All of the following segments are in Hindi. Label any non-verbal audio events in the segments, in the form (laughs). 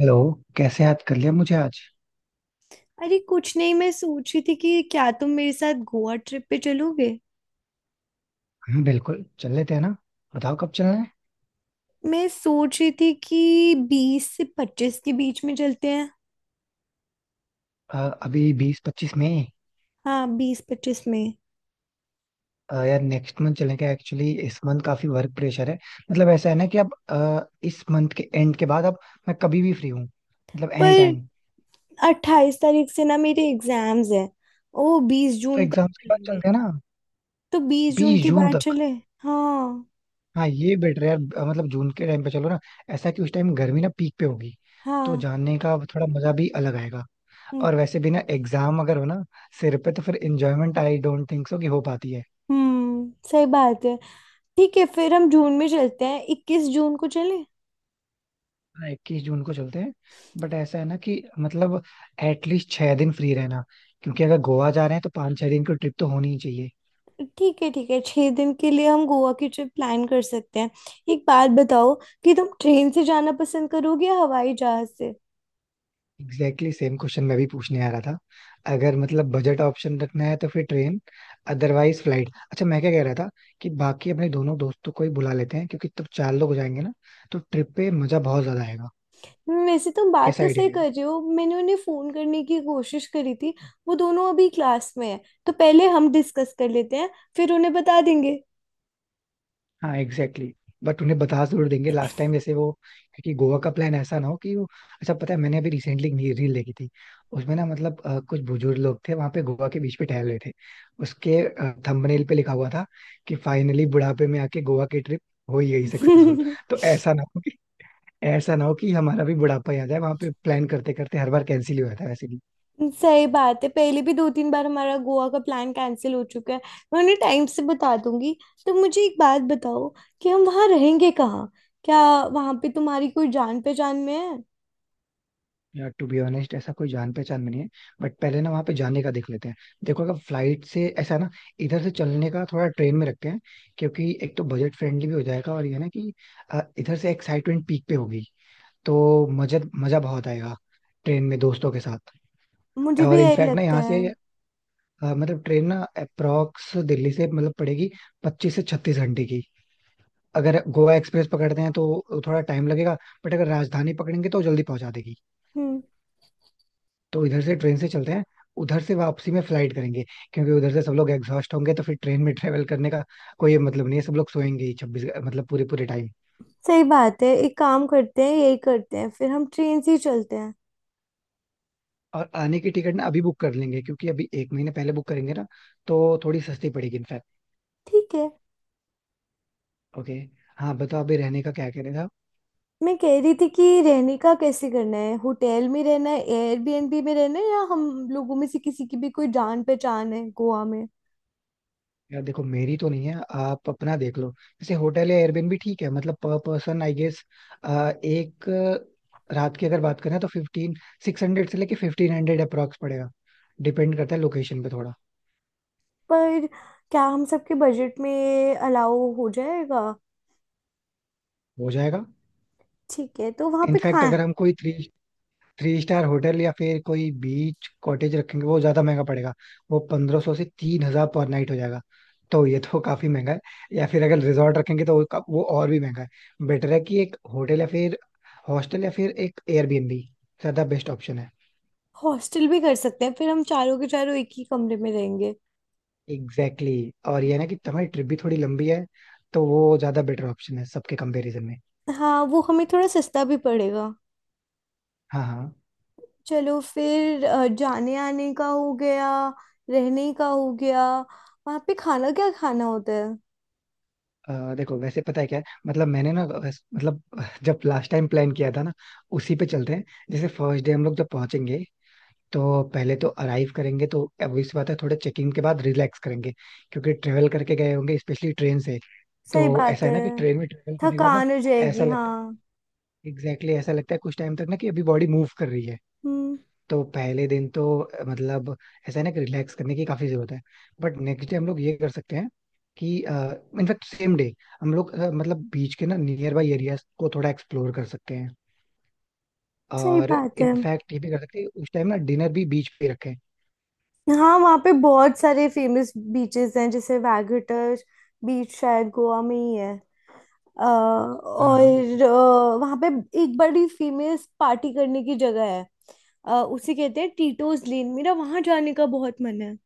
हेलो. कैसे याद कर लिया मुझे आज? अरे कुछ नहीं। मैं सोच रही थी कि क्या तुम मेरे साथ गोवा ट्रिप पे चलोगे। हाँ, बिल्कुल चल लेते हैं ना. बताओ कब चलना है. मैं सोच रही थी कि 20 से 25 के बीच में चलते हैं। अ, अभी 20-25 में? हाँ, 20 25 में। यार नेक्स्ट मंथ चलेंगे, एक्चुअली इस मंथ काफी वर्क प्रेशर है. मतलब ऐसा है ना कि अब इस मंथ के एंड के बाद अब मैं कभी भी फ्री हूँ, मतलब एनी टाइम. पर 28 तारीख से ना मेरे एग्जाम्स हैं। ओ, 20 तो जून तक एग्जाम्स के बाद चलेंगे। चलते हैं ना. तो बीस जून बीस के जून बाद तक? चले। हाँ, हाँ, ये बेटर है यार. मतलब जून के टाइम पे चलो ना. ऐसा कि उस टाइम गर्मी ना पीक पे होगी, तो हाँ। जानने का थोड़ा मजा भी अलग आएगा. हम्म, और वैसे भी ना, एग्जाम अगर हो ना सिर पे, तो फिर enjoyment I don't think so कि हो पाती है. सही बात है। ठीक है, फिर हम जून में चलते हैं। 21 जून को चले। हाँ, 21 जून को चलते हैं. बट ऐसा है ना कि मतलब एटलीस्ट 6 दिन फ्री रहना, क्योंकि अगर गोवा जा रहे हैं तो 5-6 दिन की ट्रिप तो होनी ही चाहिए. ठीक है, ठीक है, 6 दिन के लिए हम गोवा की ट्रिप प्लान कर सकते हैं। एक बात बताओ कि तुम ट्रेन से जाना पसंद करोगे या हवाई जहाज से। एग्जैक्टली सेम क्वेश्चन मैं भी पूछने आ रहा था. अगर मतलब बजट ऑप्शन रखना है तो फिर ट्रेन, अदरवाइज फ्लाइट. अच्छा मैं क्या कह रहा था कि बाकी अपने दोनों दोस्तों को ही बुला लेते हैं, क्योंकि तब चार लोग हो जाएंगे ना, तो ट्रिप पे मजा बहुत ज्यादा आएगा. वैसे तुम बात कैसा तो सही आइडिया? कर रहे हो। मैंने उन्हें फोन करने की कोशिश करी थी। वो दोनों अभी क्लास में है, तो पहले हम डिस्कस कर लेते हैं, फिर उन्हें बता देंगे। हाँ, एग्जैक्टली exactly. बट उन्हें बता जरूर देंगे, लास्ट टाइम जैसे वो, क्योंकि गोवा का प्लान ऐसा ना हो कि वो. अच्छा, पता है मैंने अभी रिसेंटली रील देखी थी. उसमें ना मतलब कुछ बुजुर्ग लोग थे, वहां पे गोवा के बीच पे टहल रहे थे. उसके थंबनेल पे लिखा हुआ था कि फाइनली बुढ़ापे में आके गोवा की ट्रिप हो ही गई सक्सेसफुल. तो (laughs) ऐसा ना हो कि ऐसा ना हो कि हमारा भी बुढ़ापा याद है वहां पे, प्लान करते करते हर बार कैंसिल ही हुआ था वैसे. सही बात है, पहले भी 2 3 बार हमारा गोवा का प्लान कैंसिल हो चुका है। मैं उन्हें टाइम से बता दूंगी। तो मुझे एक बात बताओ कि हम वहाँ रहेंगे कहाँ। क्या वहाँ पे तुम्हारी कोई जान पहचान में है? यार टू बी ऑनेस्ट ऐसा कोई जान पहचान में नहीं है. बट पहले ना वहां पे जाने का देख लेते हैं. देखो, अगर फ्लाइट से ऐसा है ना, इधर से चलने का थोड़ा ट्रेन में रखते हैं, क्योंकि एक तो बजट फ्रेंडली भी हो जाएगा, और ये ना कि इधर से एक्साइटमेंट पीक पे होगी. तो मजा मजा बहुत आएगा ट्रेन में दोस्तों के साथ. मुझे भी और यही इनफैक्ट ना लगता यहाँ है। से मतलब ट्रेन ना अप्रोक्स दिल्ली से मतलब पड़ेगी 25 से 36 घंटे की, अगर गोवा एक्सप्रेस पकड़ते हैं तो थोड़ा टाइम लगेगा, बट अगर राजधानी पकड़ेंगे तो जल्दी पहुंचा देगी. हम्म, तो इधर से ट्रेन से चलते हैं, उधर से वापसी में फ्लाइट करेंगे, क्योंकि उधर से सब लोग एग्जॉस्ट होंगे तो फिर ट्रेन में ट्रेवल करने का कोई मतलब नहीं है, सब लोग सोएंगे ही 26 मतलब पूरे पूरे टाइम. सही बात है। एक काम करते हैं, यही करते हैं, फिर हम ट्रेन से ही चलते हैं। और आने की टिकट ना अभी बुक कर लेंगे, क्योंकि अभी एक महीने पहले बुक करेंगे ना तो थोड़ी सस्ती पड़ेगी इनफैक्ट. ठीक है। ओके. हाँ, बताओ अभी रहने का क्या कहने था. मैं कह रही थी कि रहने का कैसे करना है, होटल में रहना है, एयरबीएनबी में रहना है, या हम लोगों में से किसी की भी कोई जान पहचान है गोवा में? यार देखो, मेरी तो नहीं है, आप अपना देख लो. जैसे होटल या एयरबेन भी ठीक है, मतलब पर पर्सन आई गेस एक रात की अगर बात करें तो फिफ्टीन 600 से लेके 1500 अप्रॉक्स पड़ेगा. डिपेंड करता है लोकेशन पे थोड़ा. पर क्या हम सबके बजट में अलाउ हो जाएगा? हो जाएगा. ठीक है, तो वहाँ पे इनफैक्ट कहाँ अगर है? हम कोई थ्री थ्री स्टार होटल या फिर कोई बीच कॉटेज रखेंगे वो ज्यादा महंगा पड़ेगा, वो 1500 से 3000 पर नाइट हो जाएगा, तो ये तो (laughs) काफी महंगा है. या फिर अगर रिजॉर्ट रखेंगे तो वो वो और भी महंगा है. बेटर है कि एक होटल या फिर हॉस्टल या फिर एक एयरबीएनबी ज्यादा बेस्ट ऑप्शन है. हॉस्टल भी कर सकते हैं, फिर हम चारों के चारों एक ही कमरे में रहेंगे। Exactly exactly. और ये है ना कि तुम्हारी ट्रिप भी थोड़ी लंबी है, तो वो ज्यादा बेटर ऑप्शन है सबके कंपैरिजन में. हाँ, वो हमें थोड़ा सस्ता भी पड़ेगा। हाँ, हाँ. चलो फिर, जाने आने का हो गया, रहने का हो गया, वहां पे खाना क्या खाना होता है? देखो वैसे पता है क्या है, मतलब मैंने ना मतलब जब लास्ट टाइम प्लान किया था ना, उसी पे चलते हैं. जैसे फर्स्ट डे हम लोग जब पहुंचेंगे तो पहले तो अराइव करेंगे, तो obvious सी बात है, थोड़े चेकिंग के बाद रिलैक्स करेंगे, क्योंकि ट्रेवल करके गए होंगे स्पेशली ट्रेन से. तो सही बात ऐसा है है। ना कि ट्रेन में ट्रेवल करने के बाद ना थकान हो ऐसा जाएगी, लगता है, हाँ। एग्जैक्टली exactly ऐसा लगता है कुछ टाइम तक ना, कि अभी बॉडी मूव कर रही है. हम्म, तो पहले दिन तो मतलब ऐसा है ना कि रिलैक्स करने की काफी जरूरत है. बट नेक्स्ट डे हम लोग ये कर सकते हैं कि, इनफैक्ट सेम डे, हम लोग मतलब बीच के ना नियर बाई एरियाज को थोड़ा एक्सप्लोर कर सकते हैं. सही और बात है। इनफैक्ट ये भी कर सकते हैं, उस टाइम ना डिनर भी बीच पे रखें. हाँ, वहाँ पे बहुत सारे फेमस बीचेस हैं, जैसे वैगुटर बीच, शायद गोवा में ही है। हाँ, और हाँ. वहाँ पे एक बड़ी फेमस पार्टी करने की जगह है। उसे कहते हैं टीटोज लेन, मेरा वहाँ जाने का बहुत मन है।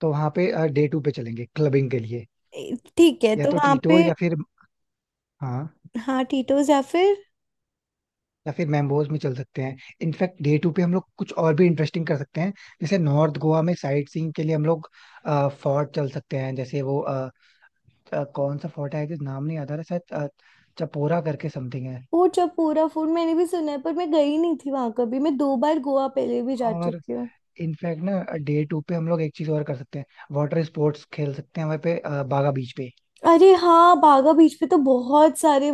तो वहाँ पे डे टू पे चलेंगे क्लबिंग के लिए. ठीक है, या तो तो वहाँ टीटो पे या फिर. हाँ, हाँ टीटोज, या फिर या फिर मैम्बोज में चल सकते हैं. इनफैक्ट डे टू पे हम लोग कुछ और भी इंटरेस्टिंग कर सकते हैं, जैसे नॉर्थ गोवा में साइट सीइंग के लिए हम लोग फोर्ट चल सकते हैं, जैसे वो कौन सा फोर्ट है जिस नाम नहीं याद आ रहा, शायद चपोरा करके समथिंग है. वो चपूरा फूड मैंने भी सुना है, पर मैं गई नहीं थी वहां कभी। मैं 2 बार गोवा पहले भी जा और चुकी हूँ। इनफैक्ट ना डे टू पे हम लोग एक चीज और कर सकते हैं, वाटर स्पोर्ट्स खेल सकते हैं वहाँ पे बागा बीच पे. अरे हाँ, बागा बीच पे तो बहुत सारे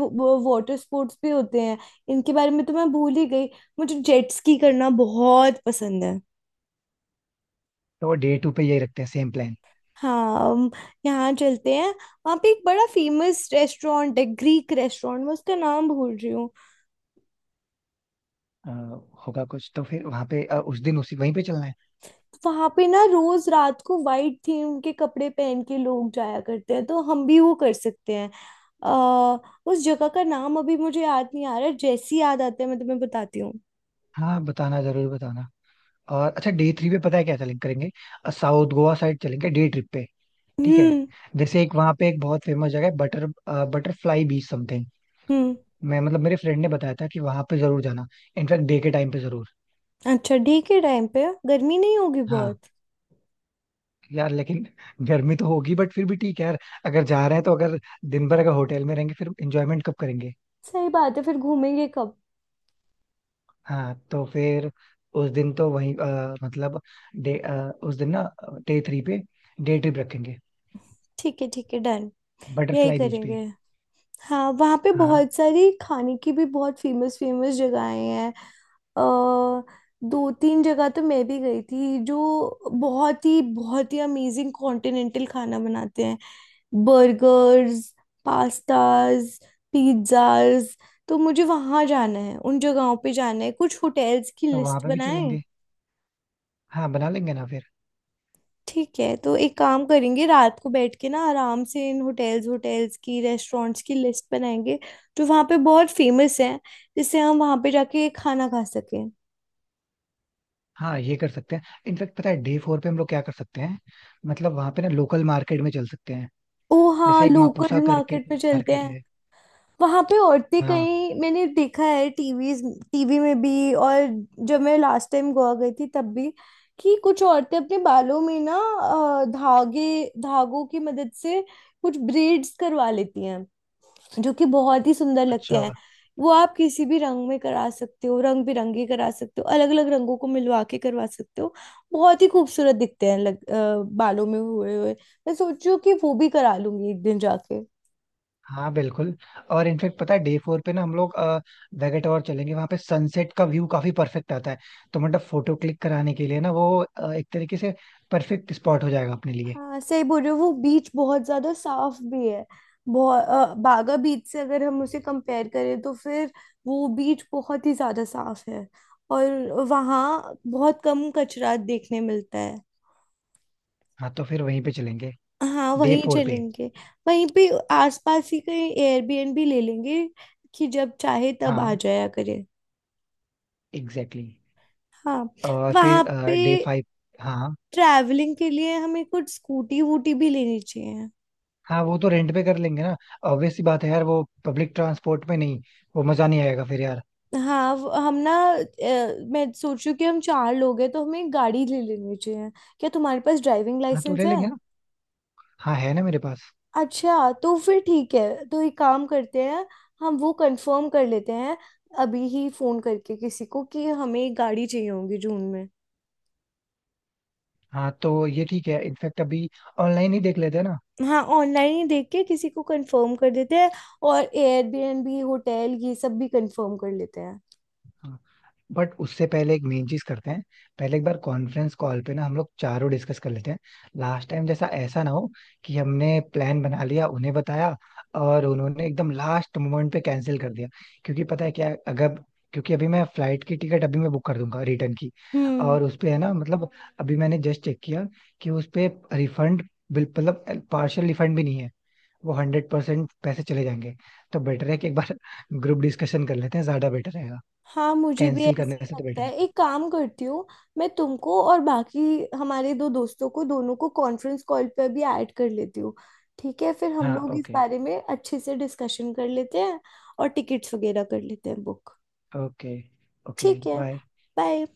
वाटर स्पोर्ट्स भी होते हैं। इनके बारे में तो मैं भूल ही गई। मुझे जेट स्की करना बहुत पसंद है। तो डे टू पे यही रखते हैं, सेम प्लान. हाँ, हम यहाँ चलते हैं। वहाँ पे एक बड़ा फेमस रेस्टोरेंट है, ग्रीक रेस्टोरेंट, मैं उसका नाम भूल रही हूँ। होगा कुछ तो फिर, वहाँ पे उस दिन उसी वहीं पे चलना है. वहां पे ना रोज रात को वाइट थीम के कपड़े पहन के लोग जाया करते हैं, तो हम भी वो कर सकते हैं। आ, उस जगह का नाम अभी मुझे याद नहीं आ रहा है, जैसे ही याद आता है मैं तुम्हें बताती हूँ। हाँ, बताना जरूर बताना. और अच्छा डे थ्री पे पता है क्या चलेंगे करेंगे? साउथ गोवा साइड चलेंगे डे ट्रिप पे. ठीक है. हम्म, जैसे एक वहाँ पे एक बहुत फेमस जगह है, बटर बटरफ्लाई बीच समथिंग. हम्म। मैं मतलब मेरे फ्रेंड ने बताया था कि वहां पे जरूर जाना, इनफैक्ट डे के टाइम पे जरूर. अच्छा, ठीक है, टाइम पे गर्मी नहीं होगी हाँ. बहुत। यार लेकिन गर्मी तो होगी, बट फिर भी ठीक है यार, अगर जा रहे हैं तो, अगर दिन भर अगर होटल में रहेंगे फिर एंजॉयमेंट कब करेंगे? सही बात है, फिर घूमेंगे कब? हाँ तो फिर उस दिन तो वहीं मतलब डे उस दिन ना डे थ्री पे डे ट्रिप रखेंगे ठीक है, ठीक है, डन। यही बटरफ्लाई बीच पे. करेंगे। हाँ, वहाँ पे हाँ, बहुत सारी खाने की भी बहुत फेमस फेमस जगहें हैं। अ दो तीन जगह तो मैं भी गई थी, जो बहुत ही अमेजिंग कॉन्टिनेंटल खाना बनाते हैं। Burgers, pastas, pizzas. तो मुझे वहाँ जाना है, उन जगहों पे जाना है, कुछ होटेल्स की तो वहां लिस्ट पे भी बनाए। चलेंगे. हाँ, बना लेंगे ना फिर. ठीक है, तो एक काम करेंगे। रात को बैठ के ना आराम से इन होटेल्स होटेल्स की रेस्टोरेंट्स की लिस्ट बनाएंगे, जो वहाँ पे बहुत फेमस हैं, जिससे हम वहाँ पे जाके खाना खा सकें। हाँ, ये कर सकते हैं. इनफेक्ट पता है डे फोर पे हम लोग क्या कर सकते हैं, मतलब वहां पे ना लोकल मार्केट में चल सकते हैं, ओ हाँ, जैसे एक मापुसा लोकल करके मार्केट में चलते मार्केट हैं। है. वहाँ पे औरतें, हाँ. कहीं मैंने देखा है टीवी, टीवी में भी, और जब मैं लास्ट टाइम गोवा गई थी तब भी, कि कुछ औरतें अपने बालों में ना धागे धागों की मदद से कुछ ब्रेड्स करवा लेती, जो कि बहुत ही सुंदर लगते अच्छा. हैं। वो आप किसी भी रंग में करा सकते हो, रंग बिरंगे करा सकते हो, अलग अलग रंगों को मिलवा के करवा सकते हो। बहुत ही खूबसूरत दिखते हैं बालों में हुए हुए। मैं सोच रही हूँ कि वो भी करा लूंगी एक दिन जाके। हाँ, बिल्कुल. और इनफेक्ट पता है डे फोर पे ना हम लोग वेगेटोर और चलेंगे, वहां पे सनसेट का व्यू काफी परफेक्ट आता है, तो मतलब फोटो क्लिक कराने के लिए ना वो एक तरीके से परफेक्ट स्पॉट हो जाएगा अपने लिए. हाँ, सही बोल रहे हो, वो बीच बहुत ज्यादा साफ भी है। बहुत बागा बीच से अगर हम उसे कंपेयर करें, तो फिर वो बीच बहुत ही ज्यादा साफ है। और वहाँ बहुत कम कचरा देखने मिलता है। हाँ तो फिर वहीं पे चलेंगे हाँ, डे वहीं फोर पे. चलेंगे। वहीं पे आसपास ही कहीं एयरबीएनबी ले लेंगे, कि जब चाहे तब आ हाँ, जाया करे। Exactly exactly. हाँ, और वहाँ फिर डे पे फाइव. हाँ. ट्रैवलिंग के लिए हमें कुछ स्कूटी वूटी भी लेनी चाहिए। हाँ, वो तो रेंट पे कर लेंगे ना, ऑब्वियस सी बात है यार, वो पब्लिक ट्रांसपोर्ट में नहीं, वो मजा नहीं आएगा फिर यार. हाँ, वो- हम ना अ, मैं सोच रही हूँ कि हम चार लोग हैं, तो हमें एक गाड़ी ले लेनी चाहिए। क्या तुम्हारे पास ड्राइविंग हाँ तो लाइसेंस ले है? लेंगे ना. हाँ, है ना मेरे पास. अच्छा, तो फिर ठीक है, तो एक काम करते हैं। हम वो कंफर्म कर लेते हैं, अभी ही फोन करके किसी को, कि हमें एक गाड़ी चाहिए होगी जून में। हाँ, तो ये ठीक है इनफेक्ट, अभी ऑनलाइन ही देख लेते हैं. हाँ, ऑनलाइन ही देख के किसी को कंफर्म कर देते हैं, और एयरबीएनबी होटल ये सब भी कंफर्म कर लेते हैं। ना, बट उससे पहले एक मेन चीज करते हैं, पहले एक बार कॉन्फ्रेंस कॉल पे ना हम लोग चारों डिस्कस कर लेते हैं. लास्ट टाइम जैसा ऐसा ना हो कि हमने प्लान बना लिया, उन्हें बताया, और उन्होंने एकदम लास्ट मोमेंट पे कैंसिल कर दिया, क्योंकि पता है क्या अगर, क्योंकि अभी मैं फ्लाइट की टिकट अभी मैं बुक कर दूंगा रिटर्न की. हम्म, और उस पे है ना मतलब, अभी मैंने जस्ट चेक किया कि उस पे रिफंड बिल मतलब पार्शियल रिफंड भी नहीं है, वो 100% पैसे चले जाएंगे. तो बेटर है कि एक बार ग्रुप डिस्कशन कर लेते हैं, ज्यादा बेटर रहेगा. हाँ, मुझे भी कैंसिल करने ऐसे ही से तो लगता बेटर है. है। एक काम करती हूँ, मैं तुमको और बाकी हमारे दो दोस्तों को, दोनों को कॉन्फ्रेंस कॉल पर भी ऐड कर लेती हूँ। ठीक है, फिर हम हाँ, लोग इस ओके. बारे में अच्छे से डिस्कशन कर लेते हैं, और टिकट्स वगैरह कर लेते हैं बुक। ओके. ओके, ठीक है, बाय. बाय।